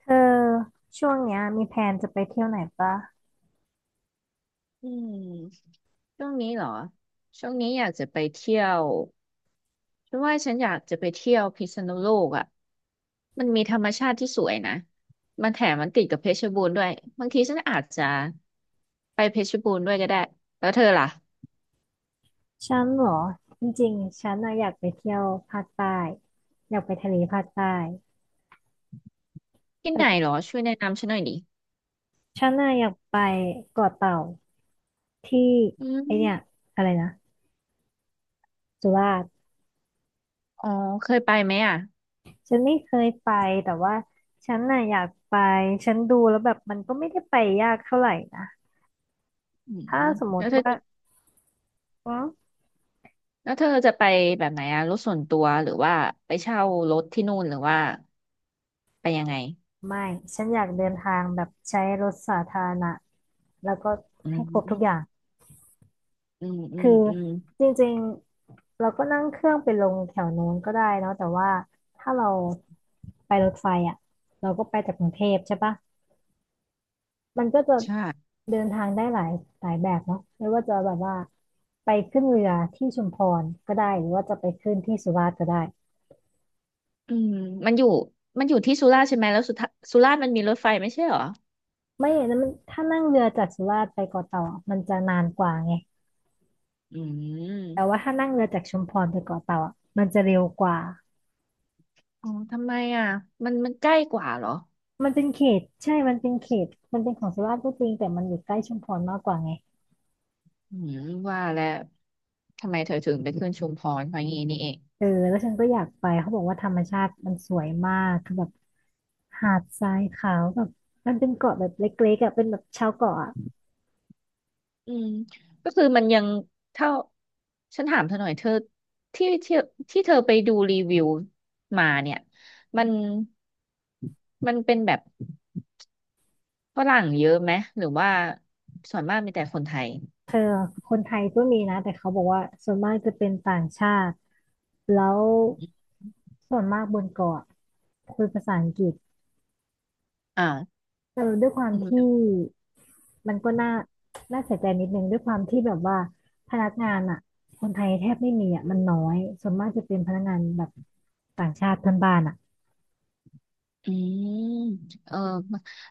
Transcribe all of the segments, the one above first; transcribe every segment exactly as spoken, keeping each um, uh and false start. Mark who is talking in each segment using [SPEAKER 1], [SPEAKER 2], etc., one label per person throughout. [SPEAKER 1] เธอช่วงเนี้ยมีแพลนจะไปเที่ยวไหนปะ
[SPEAKER 2] อืมช่วงนี้เหรอช่วงนี้อยากจะไปเที่ยวฉันว่าฉันอยากจะไปเที่ยวพิษณุโลกอ่ะมันมีธรรมชาติที่สวยนะมันแถมมันติดกับเพชรบูรณ์ด้วยบางทีฉันอาจจะไปเพชรบูรณ์ด้วยก็ได้แล้วเธอล่ะ
[SPEAKER 1] ฉันเหรอจริงๆฉันน่ะอยากไปเที่ยวภาคใต้อยากไปทะเลภาคใต้
[SPEAKER 2] ที่ไหน
[SPEAKER 1] แต่
[SPEAKER 2] เหรอช่วยแนะนำฉันหน่อยดิ
[SPEAKER 1] ฉันน่ะอยากไปเกาะเต่าที่
[SPEAKER 2] อื
[SPEAKER 1] ไอเนี่ย
[SPEAKER 2] ม
[SPEAKER 1] อะไรนะสุราษฎร์
[SPEAKER 2] อ๋อเคยไปไหมอ่ะ
[SPEAKER 1] ฉันไม่เคยไปแต่ว่าฉันน่ะอยากไปฉันดูแล้วแบบมันก็ไม่ได้ไปยากเท่าไหร่นะ
[SPEAKER 2] อื
[SPEAKER 1] ถ้า
[SPEAKER 2] ม
[SPEAKER 1] สมม
[SPEAKER 2] แล้ว
[SPEAKER 1] ติ
[SPEAKER 2] เธอ
[SPEAKER 1] ว่า
[SPEAKER 2] จะ
[SPEAKER 1] อืม
[SPEAKER 2] แล้วเธอจะไปแบบไหนอ่ะรถส่วนตัวหรือว่าไปเช่ารถที่นู่นหรือว่าไปยังไง
[SPEAKER 1] ไม่ฉันอยากเดินทางแบบใช้รถสาธารณะแล้วก็
[SPEAKER 2] อื
[SPEAKER 1] ให้ครบทุกอย่าง
[SPEAKER 2] มอืมอื
[SPEAKER 1] คื
[SPEAKER 2] ม
[SPEAKER 1] อ
[SPEAKER 2] อืม
[SPEAKER 1] จริงๆเราก็นั่งเครื่องไปลงแถวโน้นก็ได้เนาะแต่ว่าถ้าเราไปรถไฟอ่ะเราก็ไปจากกรุงเทพใช่ปะมันก็จะ
[SPEAKER 2] ใช่
[SPEAKER 1] เดินทางได้หลายหลายแบบเนาะไม่ว่าจะแบบว่าไปขึ้นเรือที่ชุมพรก็ได้หรือว่าจะไปขึ้นที่สุราษฎร์ก็ได้
[SPEAKER 2] อืมมันอยู่มันอยู่ที่สุราษฎร์ใช่ไหมแล้วสุทสุราษฎร์มันมีรถไฟไม่ใช่เหรอ
[SPEAKER 1] ไม่อย่างนั้นมันถ้านั่งเรือจากสุราษฎร์ไปเกาะเต่าอะมันจะนานกว่าไง
[SPEAKER 2] อื
[SPEAKER 1] แต่ว่า
[SPEAKER 2] ม
[SPEAKER 1] ถ้านั่งเรือจากชุมพรไปเกาะเต่าอะมันจะเร็วกว่า
[SPEAKER 2] อ๋อทำไมอ่ะ มันมันใกล้กว่าเหรอ
[SPEAKER 1] มันเป็นเขตใช่มันเป็นเขตมันเป็นของสุราษฎร์ก็จริงแต่มันอยู่ใกล้ชุมพรมากกว่าไง
[SPEAKER 2] อืมว่าแล้วทำไมเธอถึงไปขึ้นชุมพรเพราะงี้นี่เอง
[SPEAKER 1] เออแล้วฉันก็อยากไปเขาบอกว่าธรรมชาติมันสวยมากคือแบบหาดทรายขาวแบบมันเป็นเกาะแบบเล็กๆอ่ะเป็นแบบชาวเกาะอะ
[SPEAKER 2] อืมก็คือมันยังเท่าฉันถามเธอหน่อยเธอที่ที่ที่เธอไปดูรีวิวมาเนี่ย มัน มันเป็นแบบฝรั่งเยอะไหม หรือว่าส่วนมากมีแต่คนไทย
[SPEAKER 1] เธอคนไทยก็มีนะแต่เขาบอกว่าส่วนมากจะเป็นต่างชาติแล้วส่วนมากบนเกาะคุยภาษาอังกฤษ
[SPEAKER 2] อ่า
[SPEAKER 1] เออด้วยความ
[SPEAKER 2] อืม
[SPEAKER 1] ที่ มันก็น่าน่าเสียใจนิดนึงด้วยความที่แบบว่าพนักงานอ่ะคนไทยแทบไม่มีอ่ะมันน้อยส่วนมากจะเป็นพนักงานแบบต่างชาติเพื่อนบ้านอ่ะ
[SPEAKER 2] อืมเออ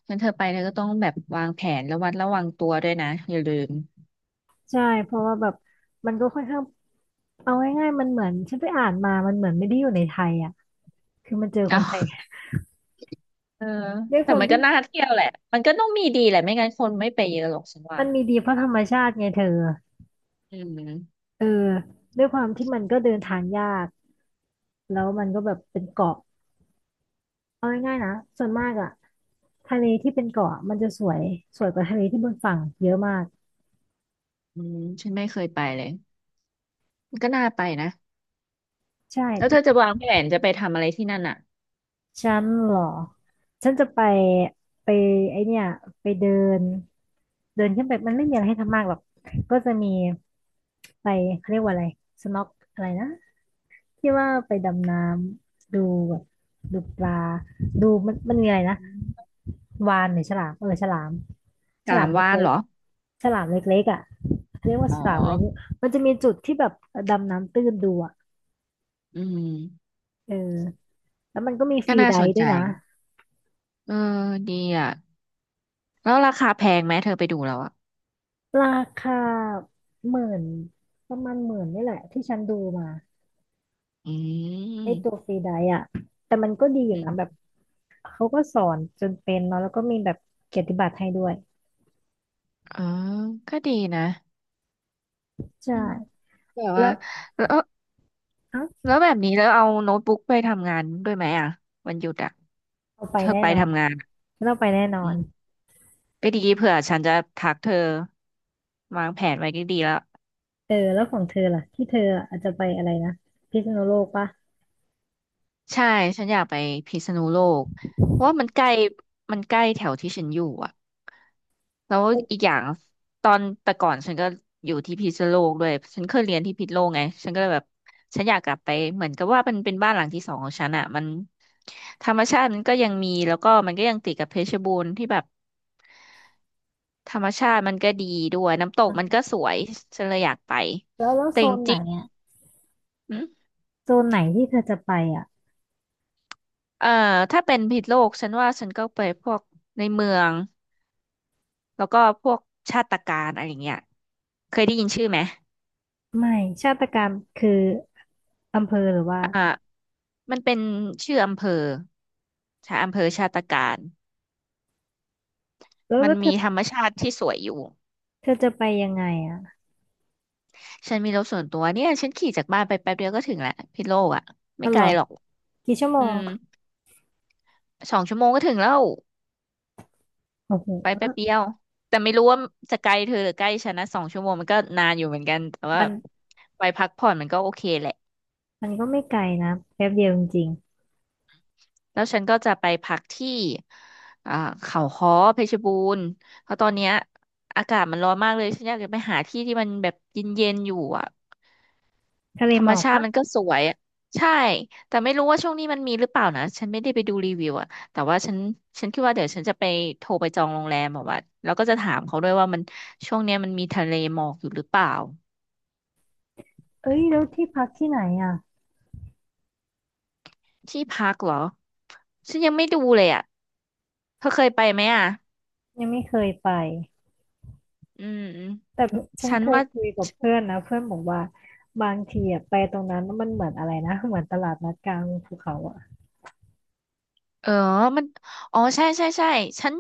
[SPEAKER 2] งั้นเธอไปเธอก็ต้องแบบวางแผนระวัดระวังตัวด้วยนะอย่าลืม
[SPEAKER 1] ใช่เพราะว่าแบบมันก็ค่อนข้างเอาง่ายๆมันเหมือนฉันไปอ่านมามันเหมือนไม่ได้อยู่ในไทยอ่ะคือมันเจอคนไทย
[SPEAKER 2] เอาเออ
[SPEAKER 1] ด้วยค
[SPEAKER 2] แต่
[SPEAKER 1] วาม
[SPEAKER 2] มันก็
[SPEAKER 1] ที่
[SPEAKER 2] น่าเที่ยวแหละมันก็ต้องมีดีแหละไม่งั้นคนไม่ไปเยอะหรอกฉันว่า
[SPEAKER 1] มันมีดีเพราะธรรมชาติไงเธอ
[SPEAKER 2] อืม
[SPEAKER 1] เออด้วยความที่มันก็เดินทางยากแล้วมันก็แบบเป็นเกาะเอาง่ายๆนะส่วนมากอ่ะทะเลที่เป็นเกาะมันจะสวยสวยกว่าทะเลที่บนฝั่งเยอะมาก
[SPEAKER 2] อืมฉันไม่เคยไปเลยมันก็น่าไปนะ
[SPEAKER 1] ใช่
[SPEAKER 2] แล้วเธอจะวางแผนจะไปทำอะไรที่นั่นอ่ะ
[SPEAKER 1] ฉันเหรอฉันจะไปไปไอเนี่ยไปเดินเดินขึ้นไปมันไม่มีอะไรให้ทำมากหรอกก็จะมีไปเขาเรียกว่าอะไรสน็อกอะไรนะที่ว่าไปดำน้ำดูแบบดูปลาดูมันมันมีอะไรนะ
[SPEAKER 2] อืม
[SPEAKER 1] วาฬหรือฉลามเออฉลาม
[SPEAKER 2] ก
[SPEAKER 1] ฉ
[SPEAKER 2] ลา
[SPEAKER 1] ลาม
[SPEAKER 2] มว่าน
[SPEAKER 1] เล็
[SPEAKER 2] เห
[SPEAKER 1] ก
[SPEAKER 2] รอ
[SPEAKER 1] ๆอะฉลามเล็กๆอ่ะเรียกว่า
[SPEAKER 2] อ๋อ
[SPEAKER 1] ฉลามอะไรนี่มันจะมีจุดที่แบบดำน้ำตื้นดูอ่ะ
[SPEAKER 2] อืม
[SPEAKER 1] เออแล้วมันก็มีฟ
[SPEAKER 2] ก็
[SPEAKER 1] รี
[SPEAKER 2] น่า
[SPEAKER 1] ได
[SPEAKER 2] สน
[SPEAKER 1] ฟ์ด้
[SPEAKER 2] ใจ
[SPEAKER 1] วยนะ
[SPEAKER 2] เออดีอ่ะแล้วราคาแพงไหมเธอไปดูแล้วอ่ะ
[SPEAKER 1] ราคาหมื่นประมาณหมื่นนี่แหละที่ฉันดูมา
[SPEAKER 2] อื
[SPEAKER 1] ไอตัวฟ
[SPEAKER 2] ม
[SPEAKER 1] รีไดอะแต่มันก็ดีอ
[SPEAKER 2] อื
[SPEAKER 1] ยู่นะแบบ
[SPEAKER 2] ม
[SPEAKER 1] เขาก็สอนจนเป็นเนาะแล้วก็มีแบบเกียรติบัตรให้ด้วย
[SPEAKER 2] เออก็ดีนะ
[SPEAKER 1] ใช่
[SPEAKER 2] อืม แบบ
[SPEAKER 1] แล้
[SPEAKER 2] ว่า
[SPEAKER 1] ว
[SPEAKER 2] แล้ว
[SPEAKER 1] เอ้า
[SPEAKER 2] แล้วแบบนี้แล้วเอาโน้ตบุ๊กไปทำงานด้วยไหมอ่ะวันหยุดอ่ะ
[SPEAKER 1] เราไป
[SPEAKER 2] เธอ
[SPEAKER 1] แน่
[SPEAKER 2] ไป
[SPEAKER 1] นอน
[SPEAKER 2] ทำงานอะ
[SPEAKER 1] เราไปแน่นอ
[SPEAKER 2] อื
[SPEAKER 1] น
[SPEAKER 2] มก็ดีเผื่อฉันจะทักเธอวางแผนไว้ดีๆแล้ว
[SPEAKER 1] เออแล้วของเธอล่ะที่เธออาจจะไปอะไรนะพิษณุโลกปะ
[SPEAKER 2] ใช่ฉันอยากไปพิษณุโลกเพราะว่ามันใกล้มันใกล้แถวที่ฉันอยู่อ่ะแล้ว
[SPEAKER 1] แล้ว
[SPEAKER 2] อีกอย่างตอนแต่ก่อนฉันก็อยู่ที่พิษณุโลกด้วยฉันเคยเรียนที่พิษณุโลกไงฉันก็เลยแบบฉันอยากกลับไปเหมือนกับว่ามันเป็นบ้านหลังที่สองของฉันอ่ะมันธรรมชาติมันก็ยังมี แล้วก็มันก็ยังติดกับเพชรบูรณ์ที่แบบธรรมชาติมันก็ดีด้วยน้ำตก
[SPEAKER 1] อ่
[SPEAKER 2] มัน
[SPEAKER 1] ะ
[SPEAKER 2] ก็สวยฉันเลยอยากไป
[SPEAKER 1] แล้วแล้ว
[SPEAKER 2] แต่
[SPEAKER 1] โซ
[SPEAKER 2] จ
[SPEAKER 1] นไหน
[SPEAKER 2] ริง
[SPEAKER 1] อ่ะ
[SPEAKER 2] ๆ
[SPEAKER 1] โซนไหนที่เธอจะไปอ่ะ
[SPEAKER 2] เอ่อถ้าเป็นผิษโลกฉันว่าฉันก็ไปพวกในเมืองแล้วก็พวกชาติการอะไรอย่างเงี้ยเคยได้ยินชื่อไหม
[SPEAKER 1] ไม่ชาตการคืออำเภอหรือว่า
[SPEAKER 2] อ่ามันเป็นชื่ออำเภอชาอำเภอชาติการ
[SPEAKER 1] แล้ว
[SPEAKER 2] มัน
[SPEAKER 1] แล้วเธ
[SPEAKER 2] มี
[SPEAKER 1] อ
[SPEAKER 2] ธรรมชาติที่สวยอยู่
[SPEAKER 1] เธอจะไปยังไงอ่ะ
[SPEAKER 2] ฉันมีรถส่วนตัวเนี่ยฉันขี่จากบ้านไปแป๊บเดียวก็ถึงแหละพิษโลกอ่ะ
[SPEAKER 1] อ๋
[SPEAKER 2] ไม่
[SPEAKER 1] อเห
[SPEAKER 2] ไก
[SPEAKER 1] ร
[SPEAKER 2] ล
[SPEAKER 1] อ
[SPEAKER 2] หรอก
[SPEAKER 1] กี่ชั่วโม
[SPEAKER 2] อื
[SPEAKER 1] ง
[SPEAKER 2] มสองชั่วโมงก็ถึงแล้ว
[SPEAKER 1] โอ้โห
[SPEAKER 2] ไปแป๊บเดียวแต่ไม่รู้ว่าจะไกลเธอหรือใกล้ฉันนะสองชั่วโมงมันก็นานอยู่เหมือนกันแต่ว่า
[SPEAKER 1] มัน
[SPEAKER 2] ไปพักผ่อนมันก็โอเคแหละ
[SPEAKER 1] มันก็ไม่ไกลนะแป๊บเดียวจริง
[SPEAKER 2] แล้วฉันก็จะไปพักที่อ่าเขาค้อเพชรบูรณ์เพราะตอนเนี้ยอากาศมันร้อนมากเลยฉันอยากจะไปหาที่ที่มันแบบเย็นๆอยู่อ่ะ
[SPEAKER 1] ๆทะเล
[SPEAKER 2] ธร
[SPEAKER 1] หม
[SPEAKER 2] รม
[SPEAKER 1] อก
[SPEAKER 2] ชาติ
[SPEAKER 1] ปะ
[SPEAKER 2] มันก็สวยอะใช่แต่ไม่รู้ว่าช่วงนี้มันมีหรือเปล่านะฉันไม่ได้ไปดูรีวิวอ่ะแต่ว่าฉันฉันคิดว่าเดี๋ยวฉันจะไปโทรไปจองโรงแรมแบบว่าแล้วก็จะถามเขาด้วยว่ามันช่วงเนี้ยมันมีทะเลหมอกอยู่หรือเปล่า
[SPEAKER 1] เอ้ยแล้วที่พักที่ไหนอ่ะ
[SPEAKER 2] ที่พักเหรอฉันยังไม่ดูเลยอ่ะเธอเคยไปไหมอ่ะ
[SPEAKER 1] ยังไม่เคยไป
[SPEAKER 2] อืม
[SPEAKER 1] แต่ฉัน
[SPEAKER 2] ฉัน
[SPEAKER 1] เคย
[SPEAKER 2] ว่า
[SPEAKER 1] คุยกับเพื่อนนะเพื่อนบอกว่าบางทีอะไปตรงนั้นมันเหมือนอะไรนะเหมือนตลาดนัดกลางภูเขาอ่ะ
[SPEAKER 2] เออ มันอ๋อใช่ใช่ใช่ฉัน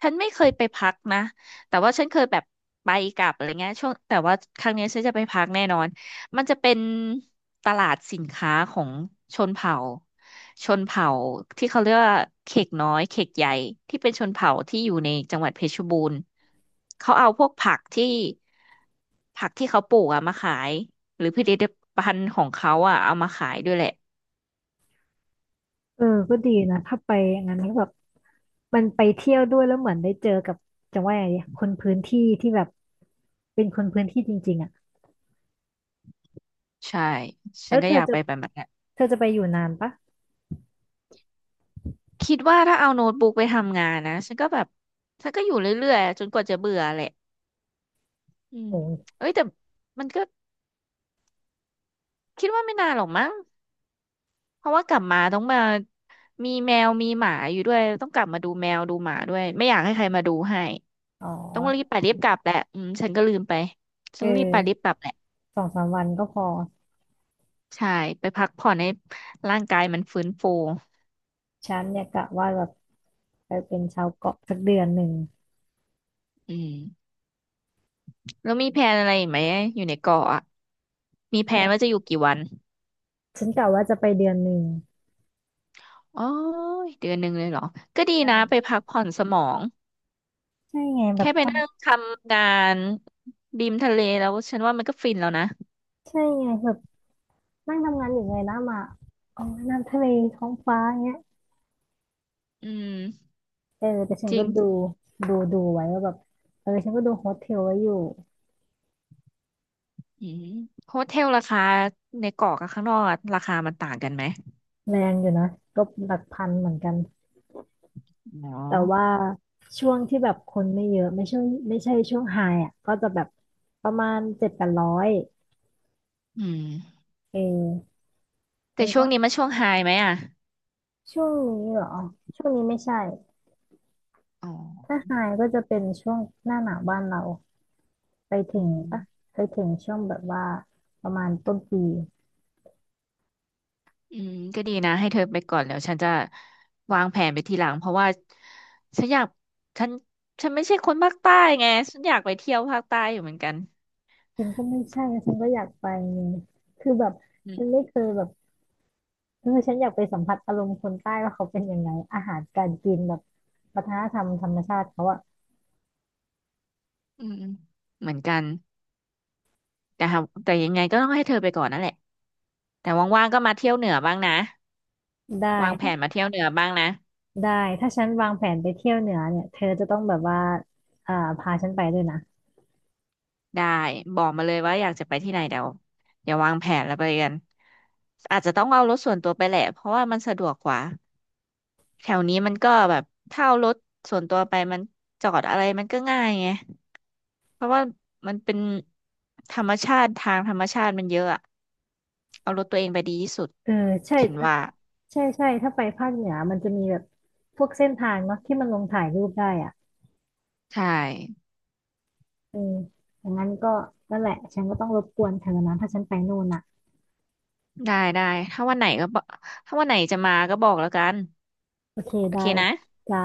[SPEAKER 2] ฉันไม่เคยไปพักนะแต่ว่าฉันเคยแบบไปกลับอะไรเงี้ยช่วงแต่ว่าครั้งเนี้ยฉันจะไปพักแน่นอนมันจะเป็นตลาดสินค้าของชนเผ่า ชนเผ่าที่เขาเรียกว่าเขกน้อยเขกใหญ่ที่เป็นชนเผ่าที่อยู่ในจังหวัดเพชรบูรณ์เขาเอาพวกผักที่ ผักที่เขาปลูกอะมาขาย หรือผลิตภัณฑ์ของเขาอะเอามาขายด้วยแหละ
[SPEAKER 1] เออก็ดีนะถ้าไปอย่างนั้นก็แบบมันไปเที่ยวด้วยแล้วเหมือนได้เจอกับจะว่าไงดีคนพื้นที่ที่แบบเป็นคนพื้นที่จริงๆอ่ะ
[SPEAKER 2] ใช่ ฉั
[SPEAKER 1] แล้
[SPEAKER 2] น
[SPEAKER 1] ว
[SPEAKER 2] ก็
[SPEAKER 1] เธ
[SPEAKER 2] อ
[SPEAKER 1] อ
[SPEAKER 2] ยาก
[SPEAKER 1] จะ
[SPEAKER 2] ไปแบบนั้น
[SPEAKER 1] เธอจะไปอยู่นานปะ
[SPEAKER 2] คิดว่าถ้าเอาโน้ตบุ๊กไปทำงานนะฉันก็แบบฉันก็อยู่เรื่อยๆจนกว่าจะเบื่อแหละอืม
[SPEAKER 1] โอ้ย
[SPEAKER 2] เอ้ยแต่มันก็คิดว่าไม่นานหรอกมั้งเพราะว่ากลับมาต้องมามีแมวมีหมาอยู่ด้วยต้องกลับมาดูแมวดูหมาด้วยไม่อยากให้ใครมาดูให้
[SPEAKER 1] อ๋อ
[SPEAKER 2] ต้องรีบไปรีบกลับแหละอืมฉันก็ลืมไป
[SPEAKER 1] เอ
[SPEAKER 2] ต้องรีบไปรีบ
[SPEAKER 1] อ
[SPEAKER 2] กลับแหละ
[SPEAKER 1] สองสามวันก็พอ
[SPEAKER 2] ใช่ไปพักผ่อนให้ร่างกายมันฟื้นฟู
[SPEAKER 1] ฉันเนี่ยกะว่าแบบไปเป็นชาวเกาะสักเดือนหนึ่ง
[SPEAKER 2] อืมแล้วมีแผนอะไรอีกไหมอยู่ในเกาะอะมีแผนว่า
[SPEAKER 1] ใช่
[SPEAKER 2] จะอยู่กี่วัน
[SPEAKER 1] ฉันกะว่าจะไปเดือนหนึ่ง
[SPEAKER 2] อ๋อเดือนหนึ่งเลยเหรอ ก็ดีนะไป
[SPEAKER 1] ใช่
[SPEAKER 2] พักผ่อนสมอง
[SPEAKER 1] ใช่ไงแบบ
[SPEAKER 2] แค่ไป
[SPEAKER 1] ทำ
[SPEAKER 2] นั่งทำงานริมทะเลแล้วฉันว่ามันก็ฟินแล้วนะ
[SPEAKER 1] ใช่ไงแบบนั่งทำงานอยู่ไงนำอ่ะมาอ๋อน้ำทะเลท้องฟ้าเงี้ย
[SPEAKER 2] อืม
[SPEAKER 1] เออแต่ฉัน
[SPEAKER 2] จริ
[SPEAKER 1] ก็
[SPEAKER 2] ง
[SPEAKER 1] ดูดูดูไว้ว่าแบบเออฉันก็ดูโฮสเทลไว้อยู่
[SPEAKER 2] อืมโฮเทลราคาในเกาะกับข้างนอกอะราคามันต่างกันไหม
[SPEAKER 1] แรงอยู่นะก็หลักพันเหมือนกัน
[SPEAKER 2] อ๋อ
[SPEAKER 1] แต่ว่าช่วงที่แบบคนไม่เยอะไม่ใช่ไม่ใช่ช่วงไฮอ่ะก็จะแบบประมาณเจ็ดแปดร้อย
[SPEAKER 2] อืม
[SPEAKER 1] เออมั
[SPEAKER 2] แต่
[SPEAKER 1] น
[SPEAKER 2] ช่ว
[SPEAKER 1] ก็
[SPEAKER 2] งนี้มันช่วงไฮไหมอ่ะ
[SPEAKER 1] ช่วงนี้เหรอช่วงนี้ไม่ใช่
[SPEAKER 2] อ๋อ
[SPEAKER 1] ถ้าไฮก็จะเป็นช่วงหน้าหนาวบ้านเราไปถึ
[SPEAKER 2] อื
[SPEAKER 1] งปะ
[SPEAKER 2] ม
[SPEAKER 1] ไปถึงช่วงแบบว่าประมาณต้นปี
[SPEAKER 2] อืมก็ดีนะให้เธอไปก่อนแล้วฉันจะวางแผนไปทีหลังเพราะว่าฉันอยากฉันฉันไม่ใช่คนภาคใต้ไงฉันอยากไปเที่ยวภาคใต้อยู่เหมือนกัน
[SPEAKER 1] ฉันก็ไม่ใช่ฉันก็อยากไปนี่คือแบบ
[SPEAKER 2] อื
[SPEAKER 1] ฉันไม่เคยแบบเออฉันอยากไปสัมผัสอารมณ์คนใต้ว่าเขาเป็นยังไงอาหารการกินแบบวัฒนธรรมธรรมชาติเขาอะ
[SPEAKER 2] อืมเหมือนกันแต่หาแต่ยังไงก็ต้องให้เธอไปก่อนนั่นแหละแต่ว่างๆก็มาเที่ยวเหนือบ้างนะ
[SPEAKER 1] ได้
[SPEAKER 2] วางแผนมาเที่ยวเหนือบ้างนะ
[SPEAKER 1] ได้ถ้าฉันวางแผนไปเที่ยวเหนือเนี่ยเธอจะต้องแบบว่าอ่าพาฉันไปด้วยนะ
[SPEAKER 2] ได้บอกมาเลยว่าอยากจะไปที่ไหนเดี๋ยวเดี๋ยววางแผนแล้วไปกันอาจจะต้องเอารถส่วนตัวไปแหละเพราะว่ามันสะดวกกว่าแถวนี้มันก็แบบถ้าเอารถส่วนตัวไปมันจอดอะไรมันก็ง่ายไงเพราะว่ามันเป็นธรรมชาติทางธรรมชาติมันเยอะอะเอารถตัวเองไปดีที่สุด
[SPEAKER 1] เออใช่
[SPEAKER 2] ฉัน
[SPEAKER 1] ถ้า
[SPEAKER 2] ว่า
[SPEAKER 1] ใช่ใช่ถ้าไปภาคเหนือมันจะมีแบบพวกเส้นทางเนาะที่มันลงถ่ายรูปได้อะ
[SPEAKER 2] ใช่
[SPEAKER 1] เอออย่างนั้นก็นั่นแหละฉันก็ต้องรบกวนเธอนะถ้าฉันไปนู่นน่ะ
[SPEAKER 2] ได้ได้ถ้าวันไหนก็บอกถ้าวันไหนจะมาก็บอกแล้วกัน
[SPEAKER 1] โอเค
[SPEAKER 2] โอ
[SPEAKER 1] ได้
[SPEAKER 2] เคนะ
[SPEAKER 1] จ้า